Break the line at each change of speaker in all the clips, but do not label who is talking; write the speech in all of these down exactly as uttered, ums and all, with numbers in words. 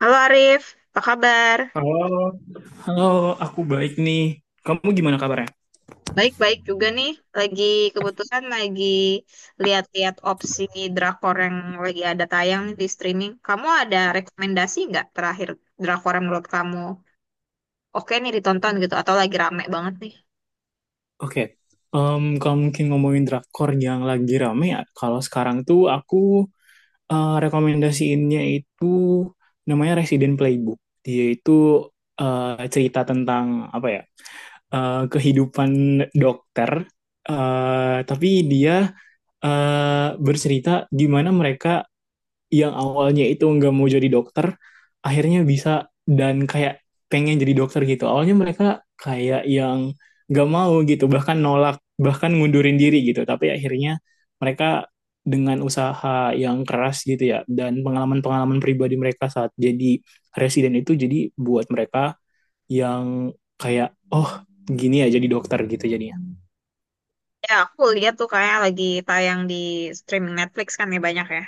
Halo Arif, apa kabar?
Halo, halo, aku baik nih. Kamu gimana kabarnya?
Baik-baik juga nih. Lagi kebetulan lagi lihat-lihat opsi drakor yang lagi ada tayang nih di streaming. Kamu ada rekomendasi nggak terakhir drakor yang menurut kamu oke nih ditonton gitu atau lagi rame banget nih?
Oke, em, kalau mungkin ngomongin drakor yang lagi rame ya, kalau sekarang tuh aku eh, rekomendasiinnya itu namanya Resident Playbook. Dia itu eh, cerita tentang apa ya, eh, kehidupan dokter, eh, tapi dia eh, bercerita gimana mereka yang awalnya itu nggak mau jadi dokter akhirnya bisa dan kayak pengen jadi dokter gitu awalnya mereka kayak yang nggak mau gitu bahkan nolak bahkan ngundurin diri gitu tapi akhirnya mereka dengan usaha yang keras gitu ya dan pengalaman-pengalaman pribadi mereka saat jadi residen itu jadi buat mereka yang kayak oh gini ya jadi dokter gitu jadinya.
Ya aku lihat tuh kayak lagi tayang di streaming Netflix kan ya banyak ya.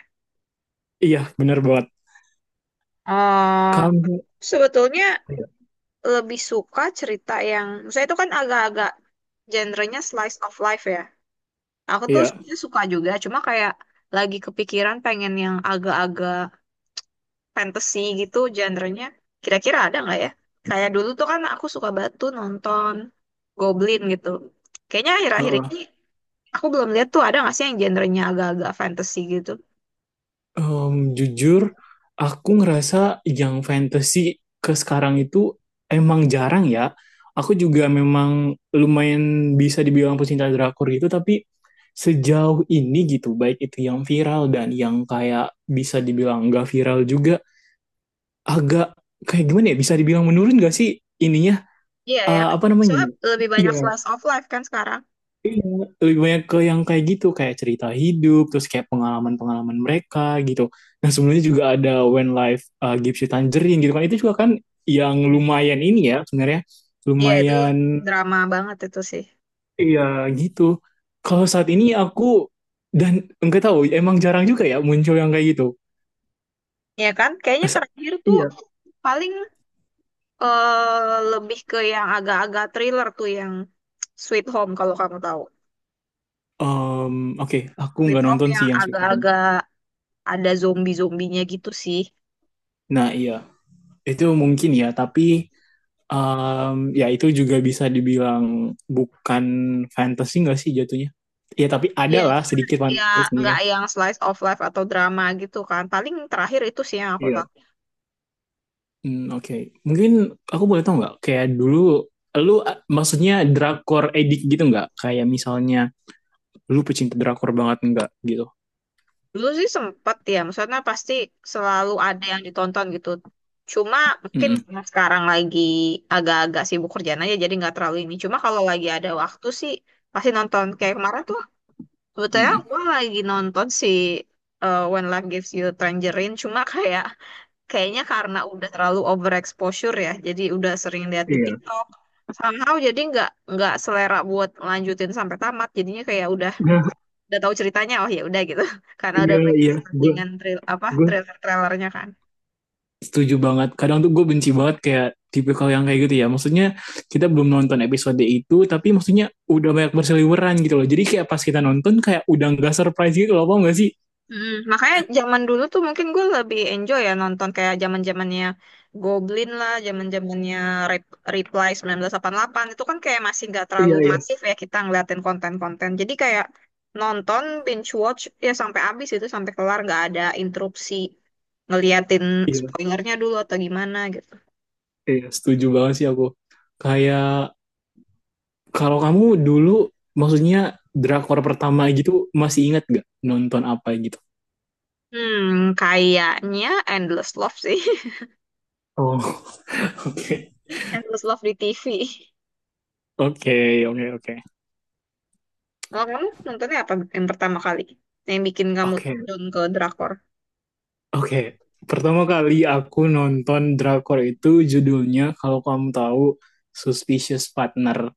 Iya, benar banget.
Eh
Kamu
Sebetulnya
iya
lebih suka cerita yang, saya itu kan agak-agak genrenya slice of life ya. Aku tuh sebenarnya suka juga, cuma kayak lagi kepikiran pengen yang agak-agak fantasy gitu genrenya. Kira-kira ada nggak ya? Kayak dulu tuh kan aku suka banget tuh nonton Goblin gitu. Kayaknya akhir-akhir
uh
ini aku belum lihat tuh ada nggak sih yang genrenya agak-agak fantasy gitu.
Em, jujur, aku ngerasa yang fantasy ke sekarang itu emang jarang ya. Aku juga memang lumayan bisa dibilang pecinta drakor gitu, tapi sejauh ini gitu, baik itu yang viral dan yang kayak bisa dibilang nggak viral juga, agak kayak gimana ya, bisa dibilang menurun gak sih ininya.
Iya ya.
Eh, apa namanya?
Soalnya lebih
Iya,
banyak slice of life kan sekarang.
lebih banyak ke yang kayak gitu, kayak cerita hidup terus kayak pengalaman-pengalaman mereka gitu. Nah, sebelumnya juga ada When Life uh, Gives You Tangerine gitu kan, itu juga kan yang
Hmm.
lumayan ini ya sebenarnya,
Iya itu
lumayan
drama banget itu sih.
iya gitu. Kalau saat ini aku dan enggak tahu emang jarang juga ya muncul yang kayak gitu.
Iya kan? Kayaknya
Sa-
terakhir tuh
Iya.
paling eh lebih ke yang agak-agak thriller tuh yang Sweet Home kalau kamu tahu.
Em, oke, aku
Sweet
nggak
Home
nonton sih
yang
yang Sweet Home.
agak-agak ada zombie-zombinya gitu sih.
Nah iya, itu mungkin ya tapi Um, ya itu juga bisa dibilang bukan fantasi nggak sih jatuhnya? Ya tapi ada
Iya,
lah
cuma
sedikit
ya nggak
fantasinya.
yang slice of life atau drama gitu kan. Paling terakhir itu sih yang aku
Iya.
tahu.
Hmm, oke. Mungkin aku boleh tahu nggak, kayak dulu lu a- maksudnya drakor edik gitu nggak? Kayak misalnya lu pecinta drakor banget nggak gitu?
Dulu sih sempet ya, maksudnya pasti selalu ada yang ditonton gitu. Cuma mungkin
Mm-mm.
karena sekarang lagi agak-agak sibuk kerjaan aja jadi nggak terlalu ini. Cuma kalau lagi ada waktu sih pasti nonton. Kayak kemarin tuh sebetulnya
Mm-mm.
aku lagi nonton si uh, When Life Gives You Tangerine, cuma kayak kayaknya karena udah terlalu overexposure ya, jadi udah sering lihat di
Iya.
TikTok. Somehow jadi nggak nggak selera buat lanjutin sampai tamat, jadinya kayak udah udah tahu ceritanya, oh ya udah gitu, karena udah
Iya,
banyak
iya. Gue
settingan trail apa
gue
trailer-trailernya kan.
setuju banget. Kadang tuh gue benci banget kayak tipikal yang kayak gitu ya. Maksudnya kita belum nonton episode itu, tapi maksudnya udah banyak berseliweran gitu loh. Jadi kayak pas kita nonton kayak udah nggak surprise gitu loh, apa nggak sih?
Mm, makanya zaman dulu tuh mungkin gue lebih enjoy ya nonton kayak zaman zamannya Goblin lah, zaman zamannya Rep- Reply sembilan belas delapan puluh delapan itu kan kayak masih nggak terlalu
Iya,
iya
iya,
masif ya kita ngeliatin konten-konten. Jadi kayak nonton binge watch ya sampai habis itu sampai kelar nggak ada interupsi ngeliatin
iya,
spoilernya dulu atau gimana gitu.
iya. Setuju banget sih aku. Kayak kalau kamu dulu, maksudnya drakor pertama gitu, masih ingat gak nonton apa gitu?
Hmm, kayaknya Endless Love sih,
Oh, oke,
Endless Love di T V.
oke, oke, oke.
Kalau kamu nontonnya apa yang pertama kali yang bikin kamu
Oke,
turun ke drakor?
oke, pertama kali aku nonton drakor itu judulnya, kalau kamu tahu, Suspicious Partner.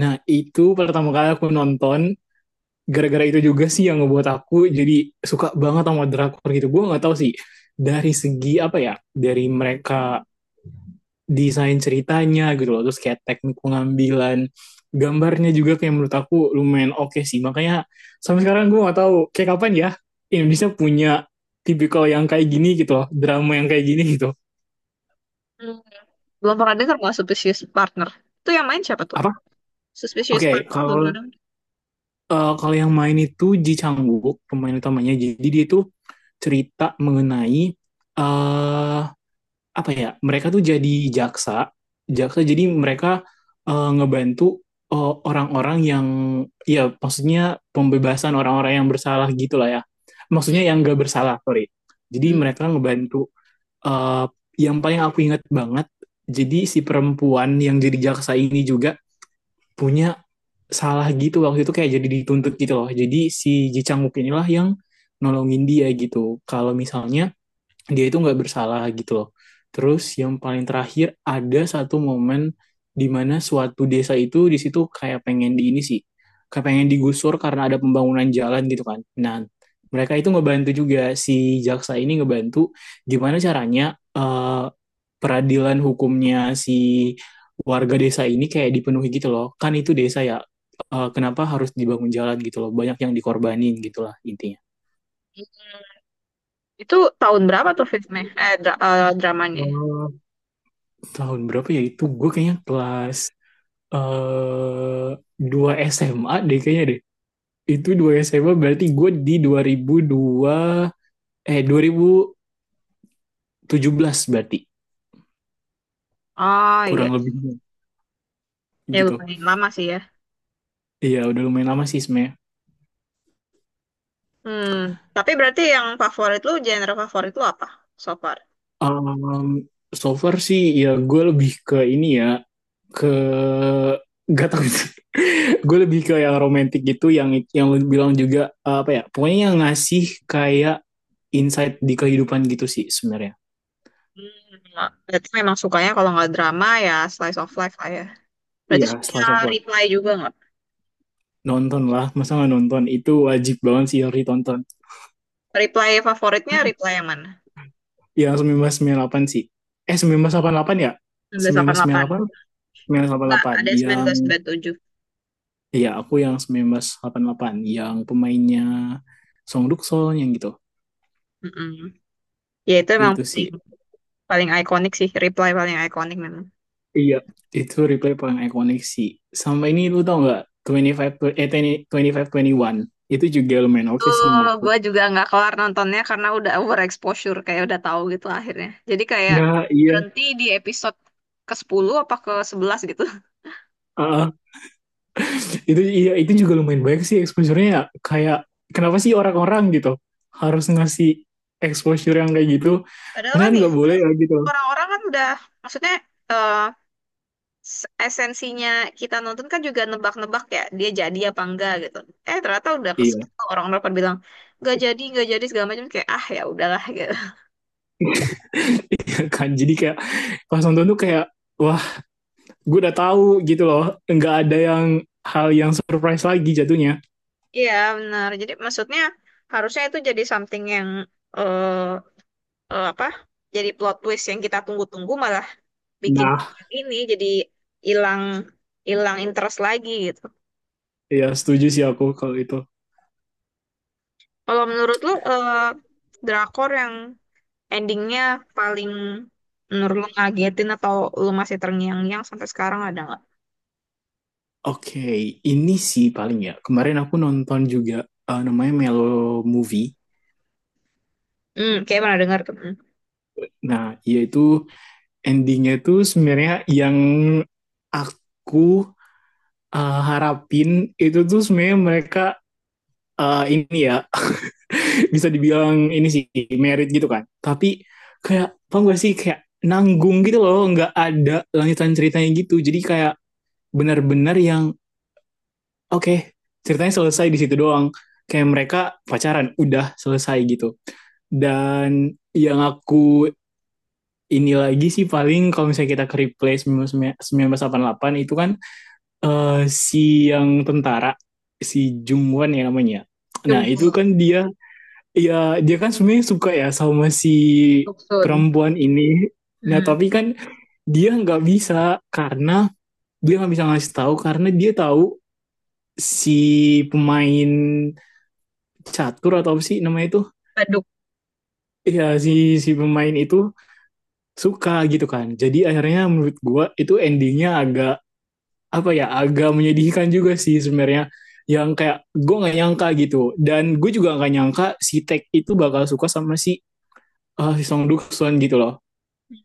Nah, itu pertama kali aku nonton. Gara-gara itu juga sih yang ngebuat aku jadi suka banget sama drakor gitu. Gue nggak tahu sih dari segi apa ya, dari mereka desain ceritanya gitu loh terus kayak teknik pengambilan gambarnya juga kayak menurut aku lumayan oke sih, makanya sampai sekarang gue gak tahu kayak kapan ya Indonesia punya tipikal yang kayak gini gitu loh, drama yang kayak gini gitu.
Belum pernah dengar malah Suspicious Partner. Itu yang main siapa tuh?
Apa,
Suspicious
oke okay,
Partner belum
kalau
pernah dengar.
eh, kalau yang main itu Ji Chang Wook pemain utamanya. Jadi dia itu cerita mengenai eh apa ya, mereka tuh jadi jaksa. Jaksa, jadi mereka eh, ngebantu eh, orang-orang yang, ya maksudnya pembebasan orang-orang yang bersalah gitulah ya, maksudnya yang gak bersalah, sorry. Jadi
Mm-mm.
mereka ngebantu eh, yang paling aku ingat banget, jadi si perempuan yang jadi jaksa ini juga punya salah gitu waktu itu, kayak jadi dituntut gitu loh. Jadi si Ji Chang Wook inilah yang nolongin dia gitu kalau misalnya dia itu nggak bersalah gitu loh. Terus yang paling terakhir ada satu momen di mana suatu desa itu di situ kayak pengen di ini sih, kayak pengen digusur karena ada pembangunan jalan gitu kan. Nah, mereka itu ngebantu juga, si jaksa ini ngebantu gimana caranya eh, peradilan hukumnya si warga desa ini kayak dipenuhi gitu loh. Kan itu desa ya, eh, kenapa harus dibangun jalan gitu loh? Banyak yang dikorbanin gitulah intinya.
Itu tahun berapa tuh filmnya? Eh, dra- eh, dramanya.
Tahun berapa ya itu, gue kayaknya kelas eh dua S M A deh kayaknya deh. Itu dua S M A berarti gue di dua ribu dua eh dua ribu tujuh belas berarti,
Oh iya.
kurang lebih
Ya
gitu.
lumayan lama sih ya.
Iya udah lumayan lama sih sebenarnya.
Hmm. Tapi berarti yang favorit lu, genre favorit lu apa so far?
Um, so far sih ya gue lebih ke ini ya, ke gak tau sih. Gue lebih ke yang romantis gitu, yang yang lu bilang juga, apa ya, pokoknya yang ngasih kayak insight di kehidupan gitu sih sebenarnya.
Hmm. Berarti memang sukanya kalau nggak drama ya slice of life lah ya. Berarti
Iya,
suka
slice of life.
reply juga nggak?
Nonton lah, masa nggak nonton? Itu wajib banget sih, harus ditonton.
Reply favoritnya reply yang mana?
Yang delapan sih. Eh, seribu sembilan ratus delapan puluh delapan ya?
seribu sembilan ratus delapan
Sembilan
puluh
sembilan
delapan
ratus sembilan puluh delapan, seribu sembilan ratus delapan puluh
Nggak,
delapan.
ada
Yang,
sembilan belas sembilan puluh tujuh.
iya aku yang seribu sembilan ratus delapan puluh delapan. Yang pemainnya Song Duk Dukson, yang gitu.
Mm-mm. Ya itu emang
Itu sih.
paling paling ikonik sih, Reply paling ikonik memang.
Iya. Itu replay paling ikonik sih. Sama ini lu tau nggak? dua puluh lima, eh, dua puluh dua puluh lima, dua puluh satu. Itu juga lumayan
Itu
oke sih menurutku.
gue juga nggak kelar nontonnya karena udah overexposure kayak udah tahu gitu akhirnya. Jadi kayak
Nah, iya.
berhenti di episode ke sepuluh apa ke sebelas gitu.
Ah, itu iya, itu juga lumayan banyak sih exposure-nya ya. Kayak kenapa sih orang-orang gitu harus ngasih exposure yang kayak gitu,
Padahal
karena
kan
kan
ya,
nggak boleh ya gitu.
padahal orang-orang kan udah, maksudnya eh, s- esensinya kita nonton kan juga nebak-nebak ya, dia jadi apa enggak gitu. Eh ternyata udah kesel
Iya.
orang-orang pada bilang nggak jadi, nggak jadi segala macam kayak ah ya udahlah gitu.
Kan jadi kayak pas nonton tuh kayak wah, gue udah tahu gitu loh, nggak ada yang, hal yang surprise lagi jatuhnya.
Iya, benar. Jadi maksudnya harusnya itu jadi something yang eh eh, apa? Jadi plot twist yang kita tunggu-tunggu malah bikin
Nah
ini jadi hilang hilang interest lagi gitu.
ya, setuju sih aku kalau itu.
Kalau menurut lu eh, drakor yang endingnya paling menurut lu ngagetin atau lu masih terngiang-ngiang sampai sekarang ada nggak?
Oke, ini sih paling ya kemarin aku nonton juga eh, namanya Melo Movie.
Hmm, kayak pernah dengar tuh. Hmm.
Nah yaitu endingnya tuh sebenarnya yang aku eh, harapin itu tuh sebenarnya mereka eh, ini ya bisa dibilang ini sih merit gitu kan, tapi kayak paham gak sih kayak nanggung gitu loh, nggak ada lanjutan ceritanya gitu. Jadi kayak benar-benar yang oke okay, ceritanya selesai di situ doang, kayak mereka pacaran udah selesai gitu. Dan yang aku ini lagi sih paling, kalau misalnya kita ke replay seribu sembilan ratus delapan puluh delapan, itu kan eh, si yang tentara, si Jungwon ya namanya. Nah itu
Jungkook,
kan dia, ya dia kan sebenarnya suka ya sama si
Doksun,
perempuan ini. Nah
hmm.
tapi kan dia nggak bisa karena dia nggak bisa ngasih tahu karena dia tahu si pemain catur atau apa sih namanya itu,
Baduk,
ya si si pemain itu suka gitu kan. Jadi akhirnya menurut gue itu endingnya agak apa ya, agak menyedihkan juga sih sebenarnya, yang kayak gue nggak nyangka gitu. Dan gue juga nggak nyangka si Tech itu bakal suka sama si uh, si Song duksun gitu loh.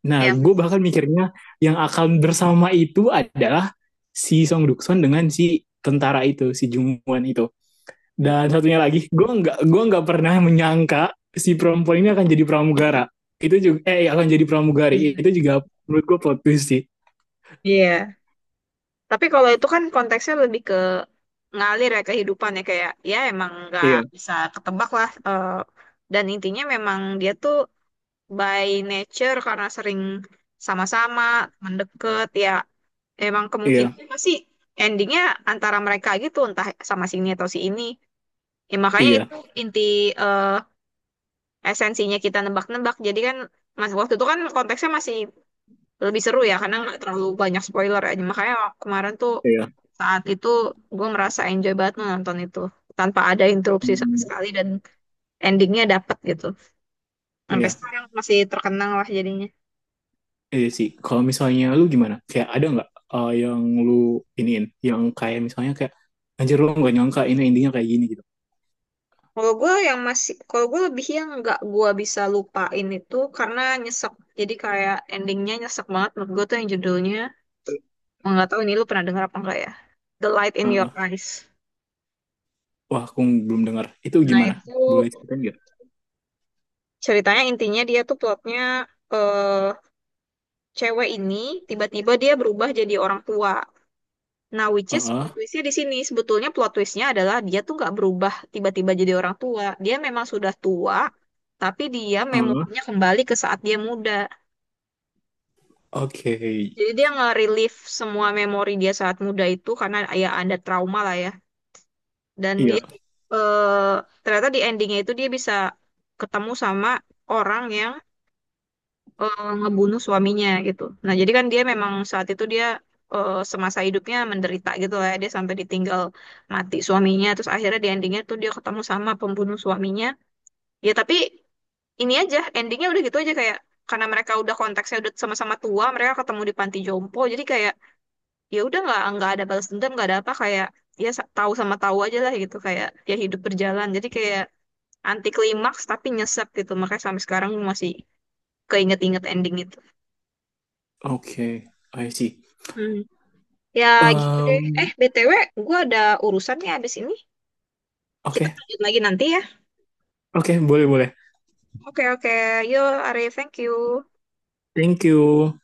Nah
ya.
gue bahkan mikirnya yang akan bersama itu adalah si Song duksun dengan si tentara itu, si Jungwon itu. Dan satunya lagi gue nggak gue nggak pernah menyangka si perempuan ini akan jadi pramugara itu juga, eh iya, akan jadi
Hmm.
pramugari itu juga. Menurut gue plot twist sih.
Iya. Tapi kalau itu kan konteksnya lebih ke ngalir ya kehidupan ya kayak ya emang nggak
Iya,
bisa ketebak lah eh, dan intinya memang dia tuh by nature karena sering sama-sama mendekat ya emang
iya,
kemungkinan pasti endingnya antara mereka gitu entah sama sini atau si ini ya makanya
iya,
itu inti eh, esensinya kita nebak-nebak jadi kan mas waktu itu kan konteksnya masih lebih seru ya karena nggak terlalu banyak spoiler ya makanya kemarin tuh
iya.
saat itu gue merasa enjoy banget nonton itu tanpa ada interupsi sama
Hmm,
sekali dan endingnya dapet gitu. Sampai
iya.
sekarang masih terkenang lah jadinya.
Iya sih, kalau misalnya lu gimana? Kayak ada nggak eh, yang lu iniin, yang kayak misalnya kayak anjir lu nggak nyangka ini endingnya kayak gini gitu.
Kalau gue yang masih, kalau gue lebih yang nggak gue bisa lupain itu karena nyesek. Jadi kayak endingnya nyesek banget menurut gue tuh yang judulnya nggak tahu ini lu pernah dengar apa enggak ya, The Light in Your
Heeh.
Eyes.
Wah, aku belum dengar. Itu
Nah
gimana?
itu
Boleh ceritain nggak?
ceritanya intinya dia tuh plotnya eh cewek ini tiba-tiba dia berubah jadi orang tua. Nah, which is
Heeh.
plot twist-nya di sini sebetulnya plot twist-nya adalah dia tuh nggak berubah tiba-tiba jadi orang tua. Dia memang sudah tua, tapi dia
Heeh.
memorinya kembali ke saat dia muda.
Oke.
Jadi dia nge-relive semua memori dia saat muda itu karena ya ada trauma lah ya. Dan dia
Iya.
eh, ternyata di endingnya itu dia bisa ketemu sama orang yang eh, ngebunuh suaminya gitu. Nah, jadi kan dia memang saat itu dia eh, semasa hidupnya menderita gitu lah ya. Dia sampai ditinggal mati suaminya. Terus akhirnya di endingnya tuh dia ketemu sama pembunuh suaminya. Ya tapi ini aja endingnya udah gitu aja kayak karena mereka udah konteksnya udah sama-sama tua, mereka ketemu di panti jompo. Jadi kayak ya udah nggak nggak ada balas dendam, nggak ada apa kayak ya sa- tahu sama tahu aja lah gitu kayak ya hidup berjalan. Jadi kayak anti klimaks tapi nyesek gitu. Makanya sampai sekarang masih keinget-inget ending itu.
Oke. I see.
Ya gitu deh. Eh,
Em,
B T W, gue ada urusan nih abis ini. Kita
oke.
lanjut lagi nanti ya.
Oke, boleh boleh.
Oke, oke. Yo, Arif, thank you.
Thank you.